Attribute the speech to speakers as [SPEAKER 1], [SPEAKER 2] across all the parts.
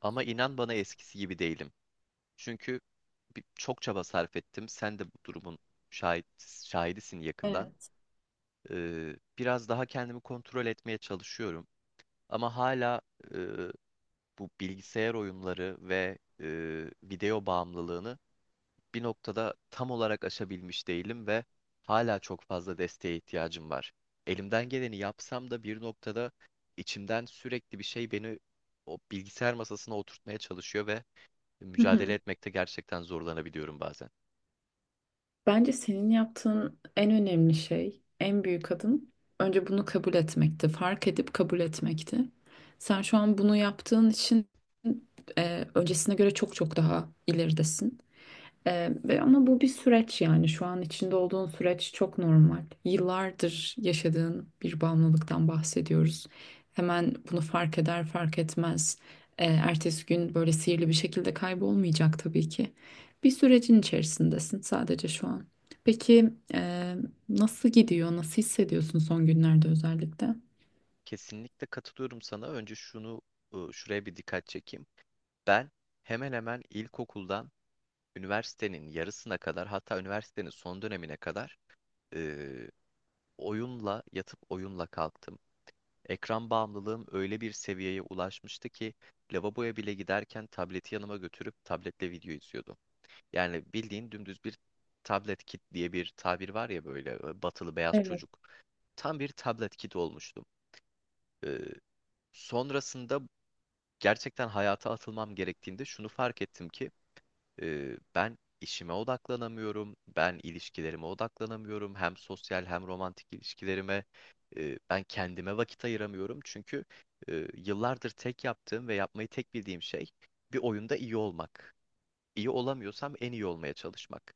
[SPEAKER 1] Ama inan bana eskisi gibi değilim. Çünkü çok çaba sarf ettim. Sen de bu durumun şahit, şahidisin yakından.
[SPEAKER 2] Evet.
[SPEAKER 1] Biraz daha kendimi kontrol etmeye çalışıyorum. Ama hala e, bu bilgisayar oyunları ve video bağımlılığını bir noktada tam olarak aşabilmiş değilim ve hala çok fazla desteğe ihtiyacım var. Elimden geleni yapsam da bir noktada içimden sürekli bir şey beni o bilgisayar masasına oturtmaya çalışıyor ve
[SPEAKER 2] Hı
[SPEAKER 1] mücadele
[SPEAKER 2] hı.
[SPEAKER 1] etmekte gerçekten zorlanabiliyorum bazen.
[SPEAKER 2] Bence senin yaptığın en önemli şey, en büyük adım önce bunu kabul etmekti. Fark edip kabul etmekti. Sen şu an bunu yaptığın için öncesine göre çok çok daha ileridesin. Ama bu bir süreç, yani şu an içinde olduğun süreç çok normal. Yıllardır yaşadığın bir bağımlılıktan bahsediyoruz. Hemen bunu fark eder fark etmez. Ertesi gün böyle sihirli bir şekilde kaybolmayacak tabii ki. Bir sürecin içerisindesin sadece şu an. Peki, nasıl gidiyor? Nasıl hissediyorsun son günlerde özellikle?
[SPEAKER 1] Kesinlikle katılıyorum sana. Önce şunu şuraya bir dikkat çekeyim. Ben hemen hemen ilkokuldan üniversitenin yarısına kadar hatta üniversitenin son dönemine kadar e, oyunla yatıp oyunla kalktım. Ekran bağımlılığım öyle bir seviyeye ulaşmıştı ki lavaboya bile giderken tableti yanıma götürüp tabletle video izliyordum. Yani bildiğin dümdüz bir tablet kit diye bir tabir var ya böyle batılı beyaz
[SPEAKER 2] Evet.
[SPEAKER 1] çocuk. Tam bir tablet kit olmuştum. Ee, Sonrasında gerçekten hayata atılmam gerektiğinde şunu fark ettim ki ben işime odaklanamıyorum, ben ilişkilerime odaklanamıyorum, hem sosyal hem romantik ilişkilerime ben kendime vakit ayıramıyorum çünkü yıllardır tek yaptığım ve yapmayı tek bildiğim şey bir oyunda iyi olmak. İyi olamıyorsam en iyi olmaya çalışmak.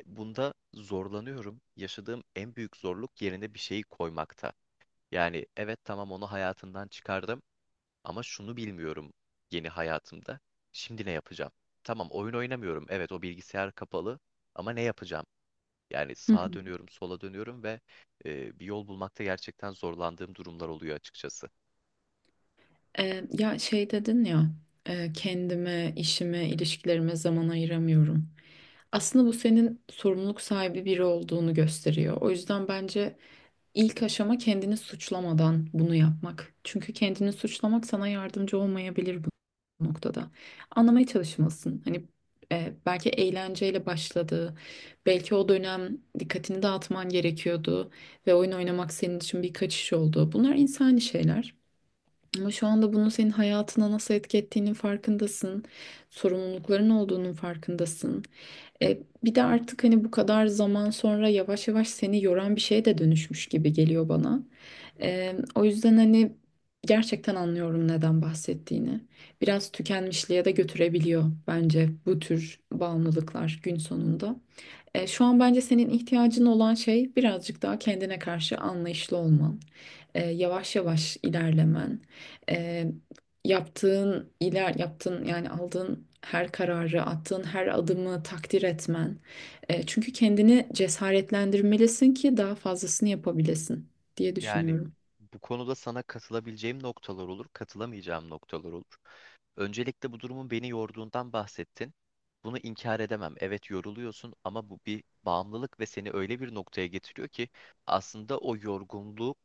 [SPEAKER 1] Bunda zorlanıyorum. Yaşadığım en büyük zorluk yerine bir şeyi koymakta. Yani evet tamam onu hayatından çıkardım. Ama şunu bilmiyorum yeni hayatımda. Şimdi ne yapacağım? Tamam oyun oynamıyorum. Evet o bilgisayar kapalı ama ne yapacağım? Yani
[SPEAKER 2] Hı
[SPEAKER 1] sağa
[SPEAKER 2] hı.
[SPEAKER 1] dönüyorum, sola dönüyorum ve bir yol bulmakta gerçekten zorlandığım durumlar oluyor açıkçası.
[SPEAKER 2] Ya şey dedin ya, kendime, işime, ilişkilerime zaman ayıramıyorum. Aslında bu senin sorumluluk sahibi biri olduğunu gösteriyor. O yüzden bence ilk aşama kendini suçlamadan bunu yapmak. Çünkü kendini suçlamak sana yardımcı olmayabilir bu noktada. Anlamaya çalışmalısın. Hani, belki eğlenceyle başladı. Belki o dönem dikkatini dağıtman gerekiyordu ve oyun oynamak senin için bir kaçış oldu. Bunlar insani şeyler. Ama şu anda bunun senin hayatına nasıl etki ettiğinin farkındasın. Sorumlulukların olduğunun farkındasın. E, bir de artık hani bu kadar zaman sonra yavaş yavaş seni yoran bir şeye de dönüşmüş gibi geliyor bana. O yüzden hani gerçekten anlıyorum neden bahsettiğini. Biraz tükenmişliğe de götürebiliyor bence bu tür bağımlılıklar gün sonunda. Şu an bence senin ihtiyacın olan şey birazcık daha kendine karşı anlayışlı olman, yavaş yavaş ilerlemen, e, yaptığın, yani aldığın her kararı, attığın her adımı takdir etmen. Çünkü kendini cesaretlendirmelisin ki daha fazlasını yapabilesin diye
[SPEAKER 1] Yani
[SPEAKER 2] düşünüyorum.
[SPEAKER 1] bu konuda sana katılabileceğim noktalar olur, katılamayacağım noktalar olur. Öncelikle bu durumun beni yorduğundan bahsettin. Bunu inkar edemem. Evet yoruluyorsun ama bu bir bağımlılık ve seni öyle bir noktaya getiriyor ki aslında o yorgunluk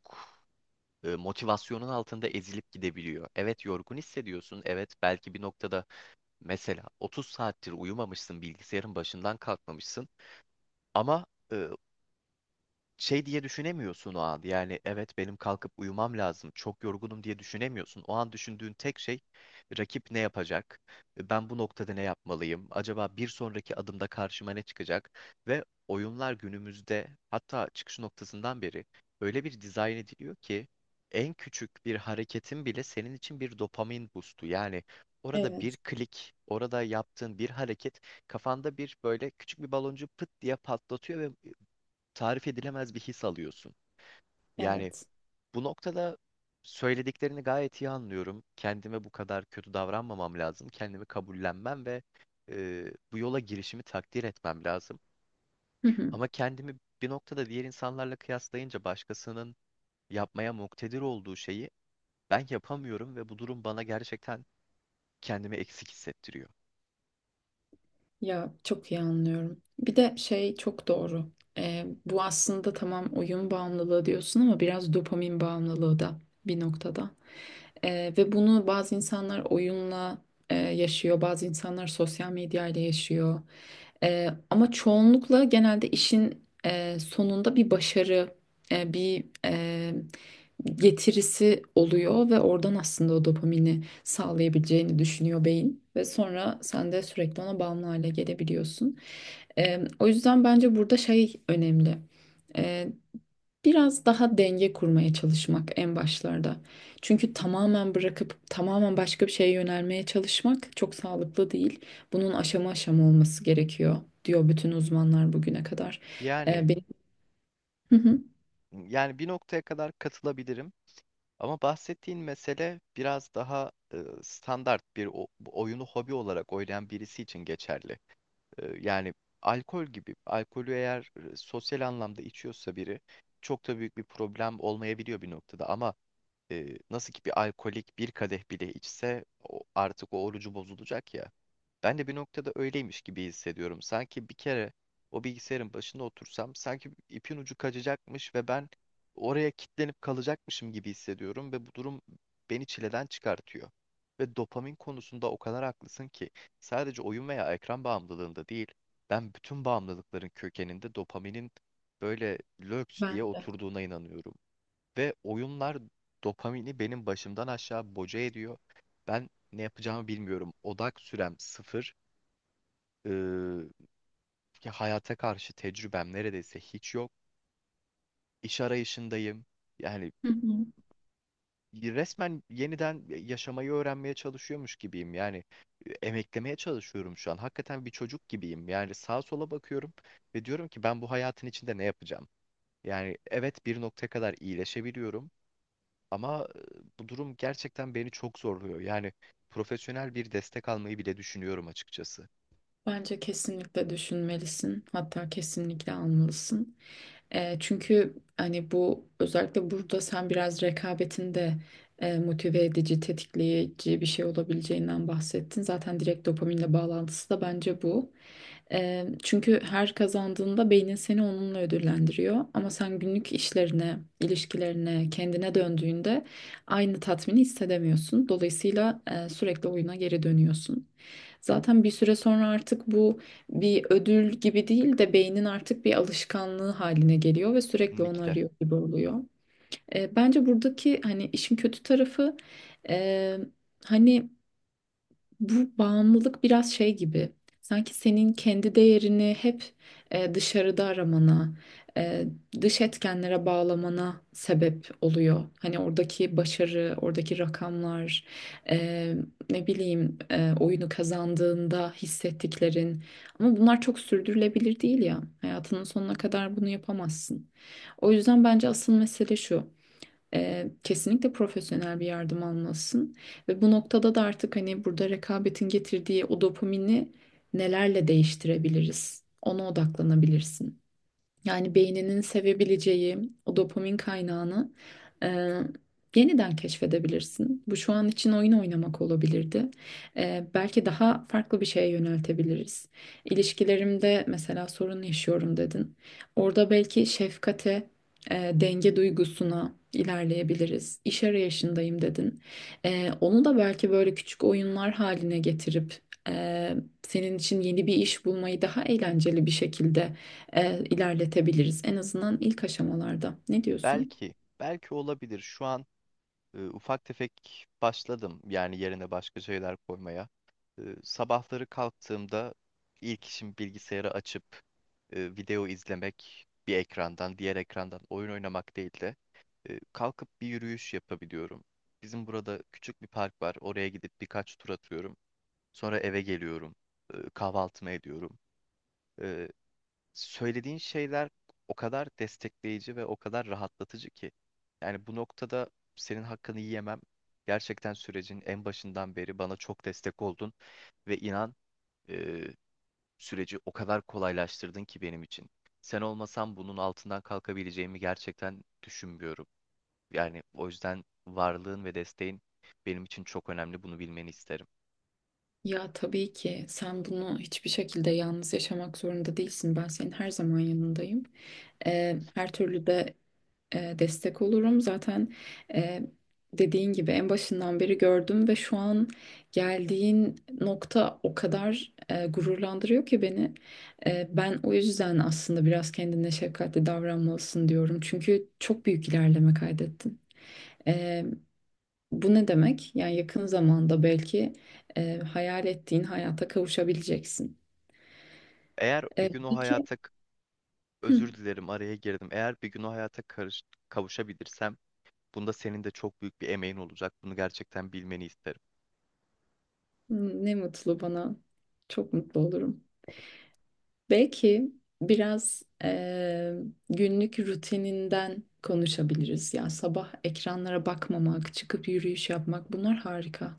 [SPEAKER 1] motivasyonun altında ezilip gidebiliyor. Evet yorgun hissediyorsun. Evet belki bir noktada mesela 30 saattir uyumamışsın, bilgisayarın başından kalkmamışsın. Ama e, şey diye düşünemiyorsun o an. Yani evet benim kalkıp uyumam lazım. Çok yorgunum diye düşünemiyorsun. O an düşündüğün tek şey rakip ne yapacak? Ben bu noktada ne yapmalıyım? Acaba bir sonraki adımda karşıma ne çıkacak? Ve oyunlar günümüzde hatta çıkış noktasından beri öyle bir dizayn ediliyor ki en küçük bir hareketin bile senin için bir dopamin boostu. Yani orada bir
[SPEAKER 2] Evet,
[SPEAKER 1] klik, orada yaptığın bir hareket kafanda bir böyle küçük bir baloncu pıt diye patlatıyor ve tarif edilemez bir his alıyorsun. Yani
[SPEAKER 2] evet.
[SPEAKER 1] bu noktada söylediklerini gayet iyi anlıyorum. Kendime bu kadar kötü davranmamam lazım. Kendimi kabullenmem ve e, bu yola girişimi takdir etmem lazım.
[SPEAKER 2] Hı hı.
[SPEAKER 1] Ama kendimi bir noktada diğer insanlarla kıyaslayınca başkasının yapmaya muktedir olduğu şeyi ben yapamıyorum ve bu durum bana gerçekten kendimi eksik hissettiriyor.
[SPEAKER 2] Ya çok iyi anlıyorum. Bir de şey çok doğru. Bu aslında tamam, oyun bağımlılığı diyorsun ama biraz dopamin bağımlılığı da bir noktada. Ve bunu bazı insanlar oyunla, yaşıyor, bazı insanlar sosyal medyayla yaşıyor. Ama çoğunlukla genelde işin sonunda bir başarı, e, bir e, getirisi oluyor ve oradan aslında o dopamini sağlayabileceğini düşünüyor beyin. Ve sonra sen de sürekli ona bağımlı hale gelebiliyorsun. O yüzden bence burada şey önemli. Biraz daha denge kurmaya çalışmak en başlarda. Çünkü tamamen bırakıp tamamen başka bir şeye yönelmeye çalışmak çok sağlıklı değil. Bunun aşama aşama olması gerekiyor diyor bütün uzmanlar bugüne kadar.
[SPEAKER 1] Yani
[SPEAKER 2] Benim. Hı hı,
[SPEAKER 1] Yani bir noktaya kadar katılabilirim ama bahsettiğin mesele biraz daha standart bir bu oyunu hobi olarak oynayan birisi için geçerli. Yani alkol gibi, alkolü eğer sosyal anlamda içiyorsa biri çok da büyük bir problem olmayabiliyor bir noktada ama e, nasıl ki bir alkolik bir kadeh bile içse artık o orucu bozulacak ya. Ben de bir noktada öyleymiş gibi hissediyorum. Sanki bir kere o bilgisayarın başında otursam sanki ipin ucu kaçacakmış ve ben oraya kilitlenip kalacakmışım gibi hissediyorum ve bu durum beni çileden çıkartıyor. Ve dopamin konusunda o kadar haklısın ki sadece oyun veya ekran bağımlılığında değil, ben bütün bağımlılıkların kökeninde dopaminin böyle löps
[SPEAKER 2] ben
[SPEAKER 1] diye
[SPEAKER 2] de.
[SPEAKER 1] oturduğuna inanıyorum. Ve oyunlar dopamini benim başımdan aşağı boca ediyor. Ben ne yapacağımı bilmiyorum. Odak sürem sıfır. Ee, Ya hayata karşı tecrübem neredeyse hiç yok. İş arayışındayım. Yani
[SPEAKER 2] Hı hı.
[SPEAKER 1] resmen yeniden yaşamayı öğrenmeye çalışıyormuş gibiyim. Yani emeklemeye çalışıyorum şu an. Hakikaten bir çocuk gibiyim. Yani sağa sola bakıyorum ve diyorum ki ben bu hayatın içinde ne yapacağım? Yani evet bir noktaya kadar iyileşebiliyorum. Ama bu durum gerçekten beni çok zorluyor. Yani profesyonel bir destek almayı bile düşünüyorum açıkçası.
[SPEAKER 2] Bence kesinlikle düşünmelisin. Hatta kesinlikle almalısın. Çünkü hani bu özellikle burada sen biraz rekabetin de, motive edici, tetikleyici bir şey olabileceğinden bahsettin. Zaten direkt dopaminle bağlantısı da bence bu. Çünkü her kazandığında beynin seni onunla ödüllendiriyor. Ama sen günlük işlerine, ilişkilerine, kendine döndüğünde aynı tatmini hissedemiyorsun. Dolayısıyla sürekli oyuna geri dönüyorsun. Zaten bir süre sonra artık bu bir ödül gibi değil de beynin artık bir alışkanlığı haline geliyor ve sürekli onu
[SPEAKER 1] Kesinlikle.
[SPEAKER 2] arıyor gibi oluyor. Bence buradaki hani işin kötü tarafı, e, hani bu bağımlılık biraz şey gibi. Sanki senin kendi değerini hep, dışarıda aramana, e, dış etkenlere bağlamana sebep oluyor. Hani oradaki başarı, oradaki rakamlar, e, ne bileyim, oyunu kazandığında hissettiklerin. Ama bunlar çok sürdürülebilir değil ya. Hayatının sonuna kadar bunu yapamazsın. O yüzden bence asıl mesele şu. Kesinlikle profesyonel bir yardım almalısın. Ve bu noktada da artık hani burada rekabetin getirdiği o dopamini nelerle değiştirebiliriz? Ona odaklanabilirsin. Yani beyninin sevebileceği o dopamin kaynağını, e, yeniden keşfedebilirsin. Bu şu an için oyun oynamak olabilirdi. Belki daha farklı bir şeye yöneltebiliriz. İlişkilerimde mesela sorun yaşıyorum dedin. Orada belki şefkate, denge duygusuna ilerleyebiliriz. İş arayışındayım dedin. Onu da belki böyle küçük oyunlar haline getirip, e, senin için yeni bir iş bulmayı daha eğlenceli bir şekilde, ilerletebiliriz. En azından ilk aşamalarda. Ne diyorsun?
[SPEAKER 1] Belki, belki olabilir. Şu an ufak tefek başladım. Yani yerine başka şeyler koymaya. Sabahları kalktığımda ilk işim bilgisayarı açıp video izlemek bir ekrandan, diğer ekrandan oyun oynamak değil de kalkıp bir yürüyüş yapabiliyorum. Bizim burada küçük bir park var. Oraya gidip birkaç tur atıyorum. Sonra eve geliyorum. Kahvaltımı ediyorum. E, Söylediğin şeyler o kadar destekleyici ve o kadar rahatlatıcı ki. Yani bu noktada senin hakkını yiyemem. Gerçekten sürecin en başından beri bana çok destek oldun ve inan e, süreci o kadar kolaylaştırdın ki benim için. Sen olmasan bunun altından kalkabileceğimi gerçekten düşünmüyorum. Yani o yüzden varlığın ve desteğin benim için çok önemli. Bunu bilmeni isterim.
[SPEAKER 2] Ya tabii ki sen bunu hiçbir şekilde yalnız yaşamak zorunda değilsin. Ben senin her zaman yanındayım. Her türlü de, destek olurum. Zaten, e, dediğin gibi en başından beri gördüm ve şu an geldiğin nokta o kadar gururlandırıyor ki beni. Ben o yüzden aslında biraz kendine şefkatli davranmalısın diyorum. Çünkü çok büyük ilerleme kaydettin. E, Bu ne demek? Yani yakın zamanda belki, hayal ettiğin hayata kavuşabileceksin.
[SPEAKER 1] Eğer bir gün o
[SPEAKER 2] Peki.
[SPEAKER 1] hayata
[SPEAKER 2] Hı,
[SPEAKER 1] Özür dilerim araya girdim. Eğer bir gün o hayata kavuşabilirsem bunda senin de çok büyük bir emeğin olacak. Bunu gerçekten bilmeni isterim.
[SPEAKER 2] ne mutlu bana. Çok mutlu olurum. Belki biraz, günlük rutininden konuşabiliriz. Ya sabah ekranlara bakmamak, çıkıp yürüyüş yapmak bunlar harika.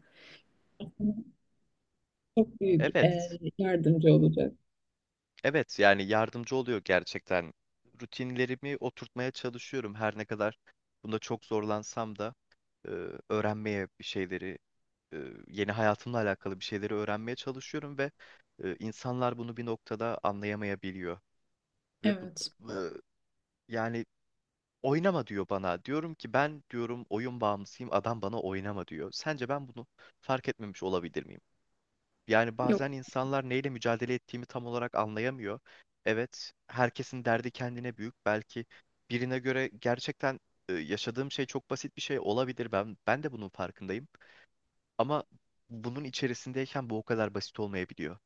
[SPEAKER 2] Çok büyük
[SPEAKER 1] Evet.
[SPEAKER 2] yardımcı olacak.
[SPEAKER 1] Evet yani yardımcı oluyor gerçekten. Rutinlerimi oturtmaya çalışıyorum her ne kadar bunda çok zorlansam da e, öğrenmeye bir şeyleri e, yeni hayatımla alakalı bir şeyleri öğrenmeye çalışıyorum ve insanlar bunu bir noktada anlayamayabiliyor ve bu
[SPEAKER 2] Evet.
[SPEAKER 1] e, yani Oynama diyor bana. Diyorum ki ben diyorum oyun bağımlısıyım. Adam bana oynama diyor. Sence ben bunu fark etmemiş olabilir miyim? Yani
[SPEAKER 2] Yok.
[SPEAKER 1] bazen insanlar neyle mücadele ettiğimi tam olarak anlayamıyor. Evet, herkesin derdi kendine büyük. Belki birine göre gerçekten yaşadığım şey çok basit bir şey olabilir. Ben de bunun farkındayım. Ama bunun içerisindeyken bu o kadar basit olmayabiliyor.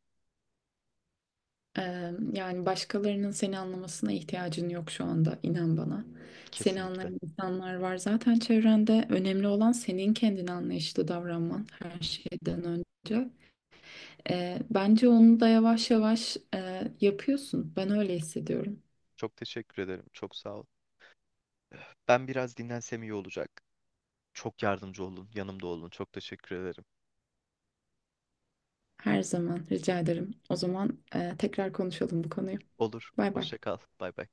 [SPEAKER 2] Yani başkalarının seni anlamasına ihtiyacın yok şu anda. İnan bana. Seni
[SPEAKER 1] Kesinlikle.
[SPEAKER 2] anlayan insanlar var zaten çevrende. Önemli olan senin kendine anlayışlı davranman her şeyden önce. Bence onu da yavaş yavaş yapıyorsun. Ben öyle hissediyorum.
[SPEAKER 1] Çok teşekkür ederim. Çok sağ ol. Ben biraz dinlensem iyi olacak. Çok yardımcı olun. Yanımda olun. Çok teşekkür ederim.
[SPEAKER 2] Her zaman rica ederim. O zaman, tekrar konuşalım bu konuyu.
[SPEAKER 1] Olur.
[SPEAKER 2] Bay bay.
[SPEAKER 1] Hoşça kal. Bay bay.